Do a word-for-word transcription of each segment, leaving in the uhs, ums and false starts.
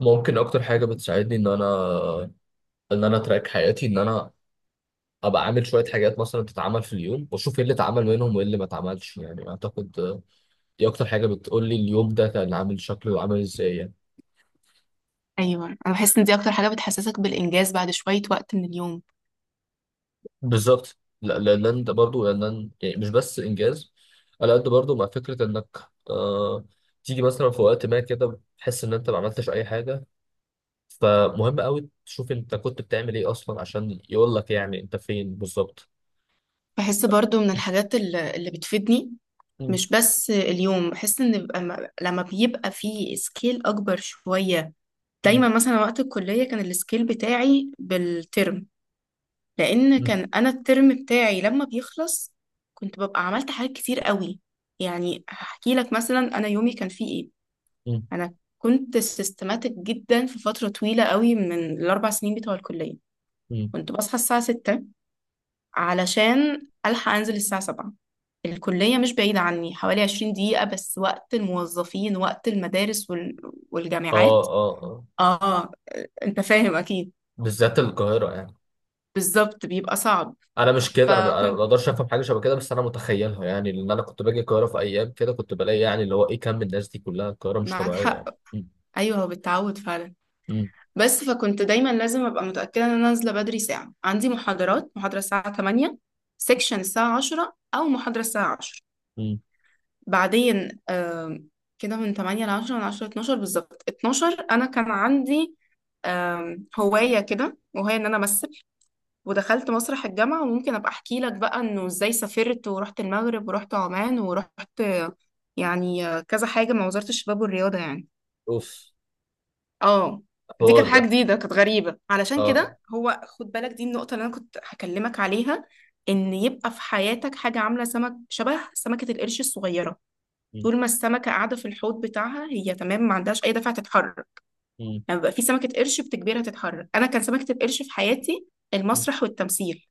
ممكن اكتر حاجه بتساعدني ان انا ان انا اتراك حياتي ان انا ابقى عامل شويه حاجات مثلا تتعمل في اليوم واشوف ايه اللي اتعمل منهم وايه اللي ما اتعملش يعني اعتقد دي اكتر حاجه بتقول لي اليوم ده كان عامل شكله عامل ازاي يعني. ايوه، انا بحس ان دي اكتر حاجه بتحسسك بالانجاز بعد شويه وقت من اليوم. بالظبط، لا لا- لان ده برضه لان يعني مش بس انجاز على قد برضه مع فكره انك آه تيجي مثلا في وقت ما كده تحس ان انت ما عملتش اي حاجه. فمهم قوي تشوف انت كنت بتعمل ايه اصلا عشان يقول لك يعني انت فين بالظبط. بحس برضو من الحاجات الل- اللي بتفيدني. مم. مش بس اليوم بحس ان بيبقى م- لما بيبقى في سكيل اكبر شويه. مم. دايما مثلا وقت الكليه كان السكيل بتاعي بالترم، لان مم. كان انا الترم بتاعي لما بيخلص كنت ببقى عملت حاجات كتير قوي. يعني هحكي لك مثلا انا يومي كان فيه ايه. انا كنت سيستماتيك جدا في فتره طويله قوي من الاربع سنين بتوع الكليه. مم. كنت بصحى الساعه ستة علشان ألحق أنزل الساعة السابعة. الكلية مش بعيدة عني، حوالي 20 دقيقة، بس وقت الموظفين وقت المدارس وال... اه والجامعات. اه اه. آه، أنت فاهم أكيد. بالذات القاهرة يعني. بالظبط بيبقى صعب. أنا مش كده، أنا أنا ما فكنت أقدرش أفهم حاجة شبه كده، بس أنا متخيلها يعني، لأن أنا كنت باجي القاهرة في أيام كده كنت بلاقي يعني اللي هو إيه كم الناس دي كلها، القاهرة مش معاك طبيعية حق. يعني. مم. أيوه، هو بالتعود فعلا. مم. بس فكنت دايما لازم أبقى متأكدة إن أنا نازلة بدري، ساعة عندي محاضرات محاضرة الساعة تمانية، سيكشن الساعة عشرة أو محاضرة الساعة عشرة. مم. بعدين آم، كده من تمانية ل عشرة، من عشرة ل اتناشر، بالظبط اتناشر انا كان عندي آم، هواية كده، وهي ان انا امثل. ودخلت مسرح الجامعة، وممكن ابقى احكي لك بقى انه ازاي سافرت ورحت المغرب ورحت عمان ورحت، آه، يعني آه، كذا حاجة مع وزارة الشباب والرياضة يعني. أوف اه، دي كانت الحوار حاجة ده. جديدة، كانت غريبة. علشان اه. كده هو، خد بالك، دي النقطة اللي انا كنت هكلمك عليها. ان يبقى في حياتك حاجة عاملة سمك شبه سمكة القرش الصغيرة. مم. طول ما السمكة قاعدة في الحوض بتاعها هي تمام، ما عندهاش أي دفعة تتحرك. مم. لما بيبقى في سمكة قرش بتجبرها تتحرك. أنا كان سمكة القرش في حياتي مم. المسرح والتمثيل.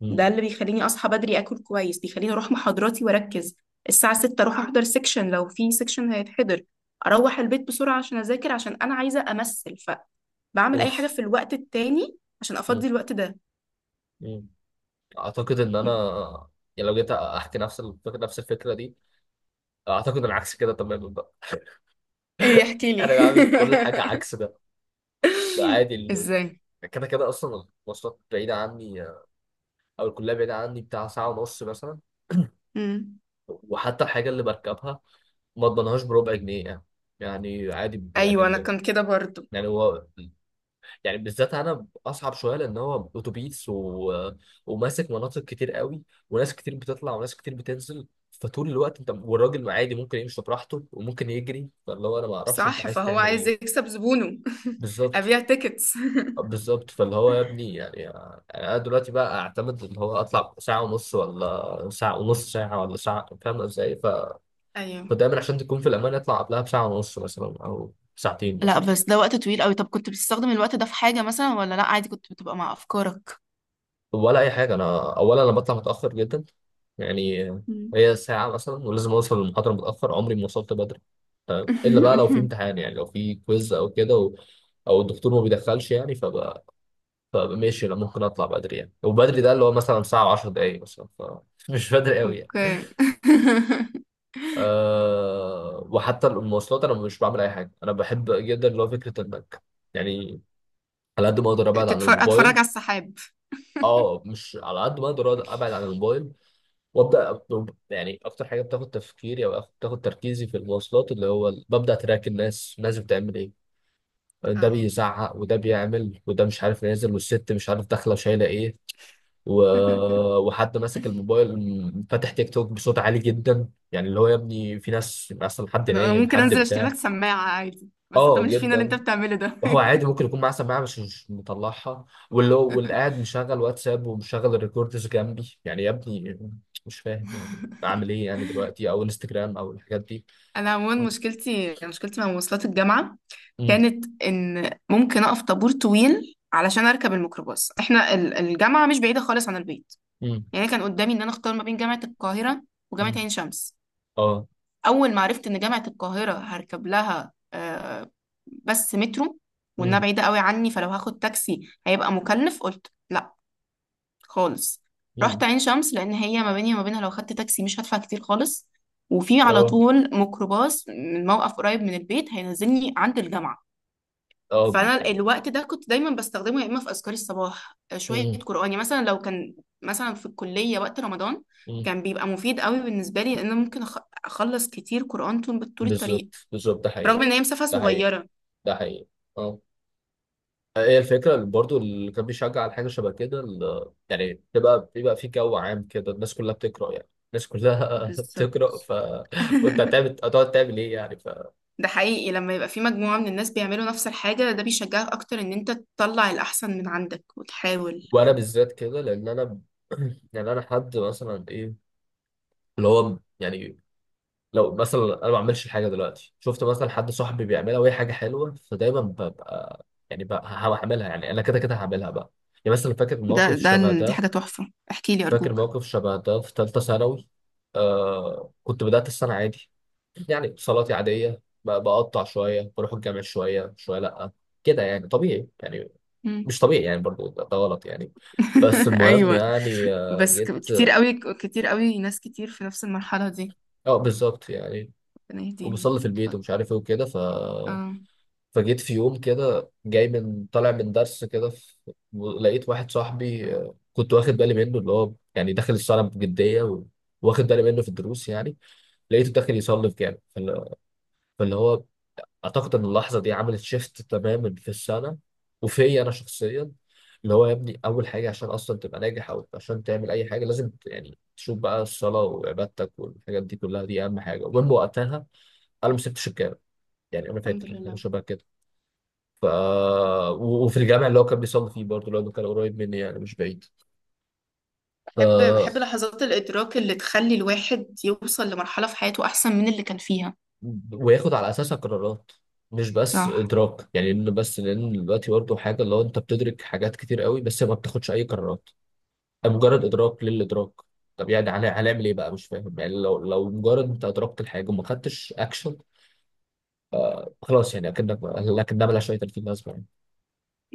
مم. ده اللي بيخليني أصحى بدري، أكل كويس، بيخليني أروح محاضراتي وأركز. الساعة السادسة أروح أحضر سيكشن لو في سيكشن هيتحضر. أروح البيت بسرعة عشان أذاكر، عشان أنا عايزة أمثل. فبعمل أي حاجة أوف. في الوقت التاني عشان مم. أفضي الوقت ده. مم. أعتقد إن أنا يعني لو جيت أحكي نفس الفكرة نفس الفكرة دي، أعتقد العكس كده تماما بقى. ايه، احكي لي. أنا بعمل كل حاجة عكس ده. ده عادي ال- ازاي. كده كده أصلا المواصلات بعيدة عني، او الكليه بعيده عني بتاع ساعه ونص مثلا. مم. وحتى الحاجه اللي بركبها ما اضمنهاش بربع جنيه يعني. يعني عادي ب- يعني ايوه، انا لو كان كده برضو. يعني هو يعني بالذات انا اصعب شويه لان هو اتوبيس و... وماسك مناطق كتير قوي، وناس كتير بتطلع وناس كتير بتنزل، فطول الوقت انت والراجل عادي ممكن يمشي براحته وممكن يجري فاللي هو انا ما اعرفش انت صح، عايز فهو تعمل عايز ايه. يكسب زبونه. بالظبط أبيع تيكتس. بالظبط. فاللي هو يا ابني يعني يعني انا دلوقتي بقى اعتمد اللي هو اطلع ساعه ونص ولا ساعه ونص، ساعه ولا ساعه، فاهم ازاي. أيوه. ودايما عشان تكون في الامان اطلع قبلها بساعه ونص مثلا او ساعتين لا، مثلا. بس ده وقت طويل قوي. طب كنت بتستخدم الوقت ده في حاجة مثلا، ولا لا، عادي كنت بتبقى مع أفكارك. ولا اي حاجه، انا اولا انا بطلع متاخر جدا يعني، مم. هي ساعه مثلا، ولازم اوصل للمحاضره متاخر، عمري ما وصلت بدري. تمام، الا بقى لو في امتحان يعني لو في كويز او كده، و... او الدكتور ما بيدخلش يعني، فبقى, فبقى ماشي انا ممكن اطلع بدري يعني، وبدري ده اللي هو مثلا ساعه و10 دقائق مثلا، فمش بدري قوي يعني. أوكي. أه... وحتى المواصلات انا مش بعمل اي حاجه. انا بحب جدا اللي هو فكره البنك يعني، على قد ما اقدر ابعد عن تتفرج أتفرج على الموبايل. السحاب. اه، مش على قد ما اقدر أقعد- ابعد عن الموبايل، وابدا أب- يعني اكتر حاجه بتاخد تفكيري او أخ- بتاخد تركيزي في المواصلات اللي هو ال- ببدا تراك الناس الناس بتعمل ايه، ده اه. بيزعق وده بيعمل وده مش عارف نازل، والست مش عارف داخله وشايله ايه و... وحد ماسك الموبايل م- فاتح تيك توك بصوت عالي جدا، يعني اللي هو يا ابني في ناس اصلا حد أنا أنا نايم ممكن حد أنزل أشتري بتاع. لك سماعة عادي، بس انت اه مش فينا اللي أنت جدا. بتعمله ده. وهو عادي ممكن يكون معاه سماعه مش مش مطلعها، واللي هو واللي قاعد مشغل واتساب ومشغل الريكوردز جنبي يعني يا ابني، مش فاهم يعني اعمل ايه يعني دلوقتي، او انستجرام او الحاجات دي. أنا عموما مم. مشكلتي مشكلتي مع مواصلات الجامعة مم. كانت ان ممكن اقف طابور طويل علشان اركب الميكروباص. احنا ال- الجامعه مش بعيده خالص عن البيت، مم. يعني كان قدامي ان انا اختار ما بين جامعه القاهره وجامعه مم. عين شمس. اه. اول ما عرفت ان جامعه القاهره هركب لها آه، بس مترو، وانها مم. بعيده قوي عني، فلو هاخد تاكسي هيبقى مكلف، قلت لا خالص. رحت مم. عين شمس لان هي ما بيني وما بينها لو خدت تاكسي مش هدفع كتير خالص، وفي على اه طول ميكروباص من موقف قريب من البيت هينزلني عند الجامعه. اه فانا يعني. الوقت ده كنت دايما بستخدمه، يا اما في اذكار الصباح، آه، شويه مم. قران. يعني مثلا لو كان مثلا في الكليه وقت رمضان، مم. كان بيبقى مفيد قوي بالنسبه لي، لان أنا ممكن أخ- اخلص كتير قران طول طول الطريق، بالظبط بالظبط ده حقيقي. رغم ان هي مسافه ده حقيقي. صغيره. ده حقيقي. اه. هي الفكرة اللي برضو اللي كان بيشجع على حاجة شبه كده ال- يعني بيبقى بيبقى في جو عام كده الناس كلها بتقرأ، يعني الناس كلها بتقرأ بالظبط. ف... فأنت هتعمل هتقعد تعمل إيه يعني ف... ده حقيقي، لما يبقى في مجموعه من الناس بيعملوا نفس الحاجه ده بيشجعك اكتر ان انت تطلع الاحسن من عندك وتحاول. وأنا بالذات كده لأن أنا يعني أنا حد مثلا إيه اللي هو يعني لو مثلا أنا ما بعملش الحاجة دلوقتي، شفت مثلا حد صاحبي بيعملها وهي حاجة حلوة، فدايما ببقى يعني بقى هعملها، يعني أنا كده كده هعملها بقى. يعني مثلا فاكر ده موقف ده شبه ال- دي ده، حاجه تحفه، احكي لي فاكر ارجوك. موقف شبه ده في ثالثة ثانوي. آه، كنت بدأت السنة عادي يعني، اتصالاتي عادية ب- بقطع شوية، بروح الجامع شوية شوية، لأ كده يعني طبيعي يعني، مم. مش طبيعي يعني برضو، ده ده غلط يعني. بس المهم ايوه. يعني آه، بس ك- جيت. كتير قوي كتير قوي ناس كتير في نفس المرحله دي. اه بالظبط يعني. ربنا يهديهم. وبصلي في البيت اتفضل. ومش عارف ايه وكده ف اه. فجيت في يوم كده جاي من طالع من درس كده ف- لقيت واحد صاحبي آه، كنت واخد بالي منه اللي هو يعني داخل الصلاة بجدية و- واخد بالي منه في الدروس يعني. لقيته داخل يصلي في جامع، فاللي فاللي هو اعتقد ان اللحظه دي عملت شيفت تماما في السنه وفي انا شخصيا، اللي هو يا ابني اول حاجه عشان اصلا تبقى ناجح او عشان تعمل اي حاجه لازم ت- يعني تشوف بقى الصلاه وعبادتك والحاجات دي كلها، دي اهم حاجه، ومن وقتها انا ما سبتش الجامع يعني، انا الحمد فاكر حاجه لله. شبه كده ف و- وفي الجامع اللي هو كان بيصلي فيه برضه لانه كان قريب مني يعني مش بعيد. بحب بحب ف لحظات الإدراك اللي تخلي الواحد يوصل لمرحلة في حياته أحسن من اللي كان فيها. وياخد على اساسها قرارات، مش بس صح. ادراك يعني انه بس، لان دلوقتي برضه حاجه اللي هو انت بتدرك حاجات كتير قوي بس ما بتاخدش اي قرارات، مجرد ادراك للادراك. طب يعني هن- هنعمل ايه بقى؟ مش فاهم يعني لو لو مجرد انت ادركت الحاجه وما خدتش اكشن، خلاص يعني اكنك، لكن ده ملهاش اي تلاتين لازمه يعني.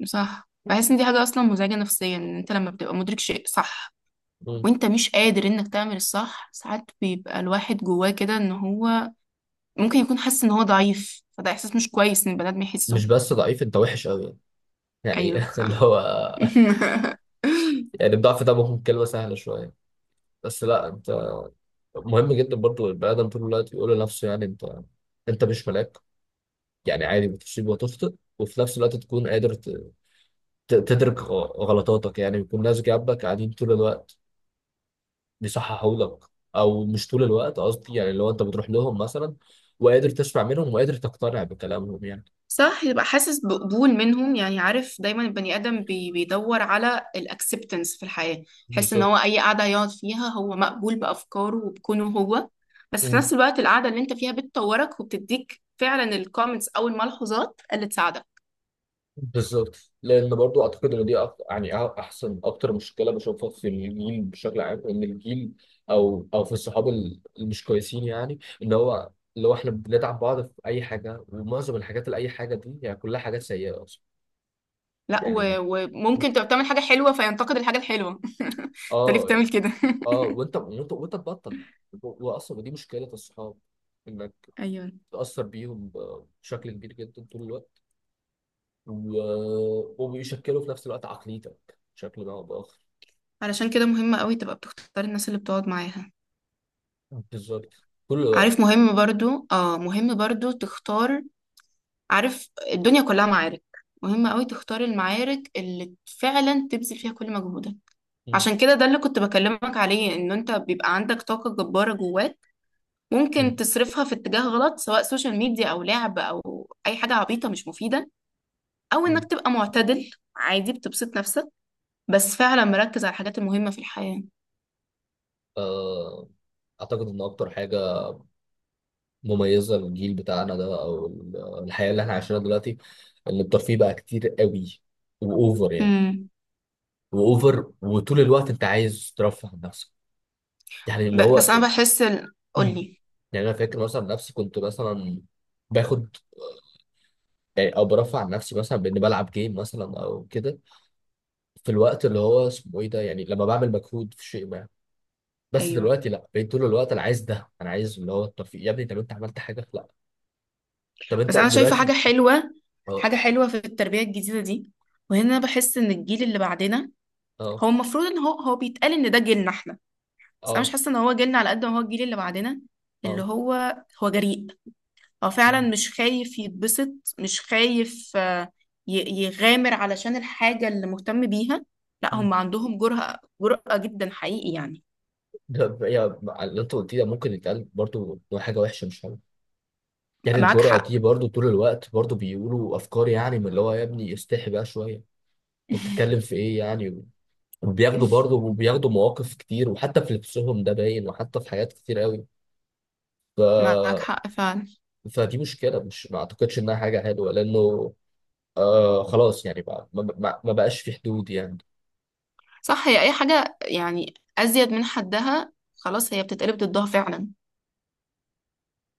صح، بحس إن دي حاجة أصلا مزعجة نفسيا، إن أنت لما بتبقى مدرك شيء صح مم. وأنت مش قادر إنك تعمل الصح، ساعات بيبقى الواحد جواه كده إن هو ممكن يكون حاسس إن هو ضعيف، فده إحساس مش كويس إن البني آدم مش يحسه. بس ضعيف، انت وحش قوي يعني، أيوه يعني اللي صح. هو يعني الضعف ده ممكن كلمه سهله شويه، بس لا انت. مهم جدا برضو البني ادم طول الوقت يقول لنفسه يعني انت، انت مش ملاك، يعني عادي بتصيب وتخطئ، وفي نفس الوقت تكون قادر ت- ت- تدرك غ- غلطاتك يعني، بيكون ناس جنبك قاعدين طول الوقت بيصححوا لك، او مش طول الوقت قصدي يعني لو انت بتروح لهم مثلا، وقادر تسمع منهم وقادر تقتنع بكلامهم يعني. صح، يبقى حاسس بقبول منهم. يعني عارف دايما البني ادم بي بيدور على الاكسبتنس في الحياه، يحس ان هو بالظبط اي قعده يقعد فيها هو مقبول بافكاره وبكونه هو. بس في نفس الوقت القعده اللي انت فيها بتطورك وبتديك فعلا الكومنتس او الملحوظات اللي تساعدك. بالظبط. لان برضو اعتقد ان دي أكتر يعني أ- احسن اكتر مشكله بشوفها في الجيل بشكل عام، ان الجيل او او في الصحاب ال- المش كويسين يعني ان هو اللي هو احنا بندعم بعض في اي حاجه، ومعظم الحاجات اللي اي حاجه دي يعني كلها حاجات سيئه اصلا لا، يعني. و- وممكن تبقى بتعمل حاجه حلوه فينتقد الحاجه الحلوه. انت ليه اه يعني بتعمل كده؟ اه، وانت وانت وانت تبطل، واصلا دي مشكله الصحاب، انك ايوه. تاثر بيهم ب- بشكل كبير جدا طول الوقت، و... وبيشكلوا في نفس الوقت عقليتك بشكل ما او باخر. علشان كده مهم قوي تبقى بتختار الناس اللي بتقعد معاها. بالظبط كله. عارف، مهم برضو، اه، مهم برضو تختار. عارف الدنيا كلها معارك، مهم قوي تختار المعارك اللي فعلا تبذل فيها كل مجهودك. مم. عشان كده ده اللي كنت بكلمك عليه، ان انت بيبقى عندك طاقة جبارة جواك، ممكن مم. تصرفها في اتجاه غلط سواء سوشيال ميديا او لعب او اي حاجة عبيطة مش مفيدة، او انك مم. تبقى معتدل، عادي بتبسط نفسك، بس فعلا مركز على الحاجات المهمة في الحياة. آه، اعتقد ان اكتر حاجه مميزه للجيل بتاعنا ده او ال- الحياه اللي احنا عايشينها دلوقتي، ان الترفيه بقى كتير قوي واوفر يعني، امم واوفر، وطول الوقت انت عايز ترفه عن نفسك يعني اللي ب- بس هو. انا بحس ال... مم. قولي. يعني انا فاكر مثلا نفسي كنت مثلا باخد يعني او برفع عن نفسي مثلا باني بلعب جيم مثلا او كده، في الوقت اللي هو اسمه ايه ده يعني لما بعمل مجهود في شيء ما، بس ايوه. دلوقتي لا، بقيت طول الوقت انا عايز ده، انا عايز اللي هو الترفيه يا ابني، طب انت عملت حاجه؟ لا. طب انت بس انا شايفة حاجة دلوقتي. حلوة، اه حاجة حلوة في التربية الجديدة دي. وهنا بحس ان الجيل اللي بعدنا، اه هو المفروض ان هو هو بيتقال ان ده جيلنا احنا، بس انا مش اه حاسه ان هو جيلنا على قد ما هو الجيل اللي بعدنا. اللي اه. هو هو جريء، هو فعلا مم. مش خايف يتبسط، مش خايف، آه، ي- يغامر علشان الحاجه اللي مهتم بيها. لا، مم. هم عندهم جرأة جرأة جدا حقيقي يعني. ده يا اللي انت قلتيه ده ممكن يتقال برضو إنه حاجه وحشه مش حلوه، يعني معاك الجرأة حق. دي برضو طول الوقت برضو بيقولوا افكار يعني من اللي هو يا ابني استحي بقى شويه، انت بتتكلم في ايه يعني، وبياخدوا برضو وبياخدوا مواقف كتير، وحتى في لبسهم ده باين، وحتى في حاجات كتير قوي ف... معاك حق فعلا. فدي مشكله، مش ما اعتقدش انها حاجه حلوه لانه آه خلاص يعني بقى ما, ما, ما بقاش في حدود يعني صح، هي اي حاجه يعني ازيد من حدها خلاص، هي بتتقلب ضدها فعلا.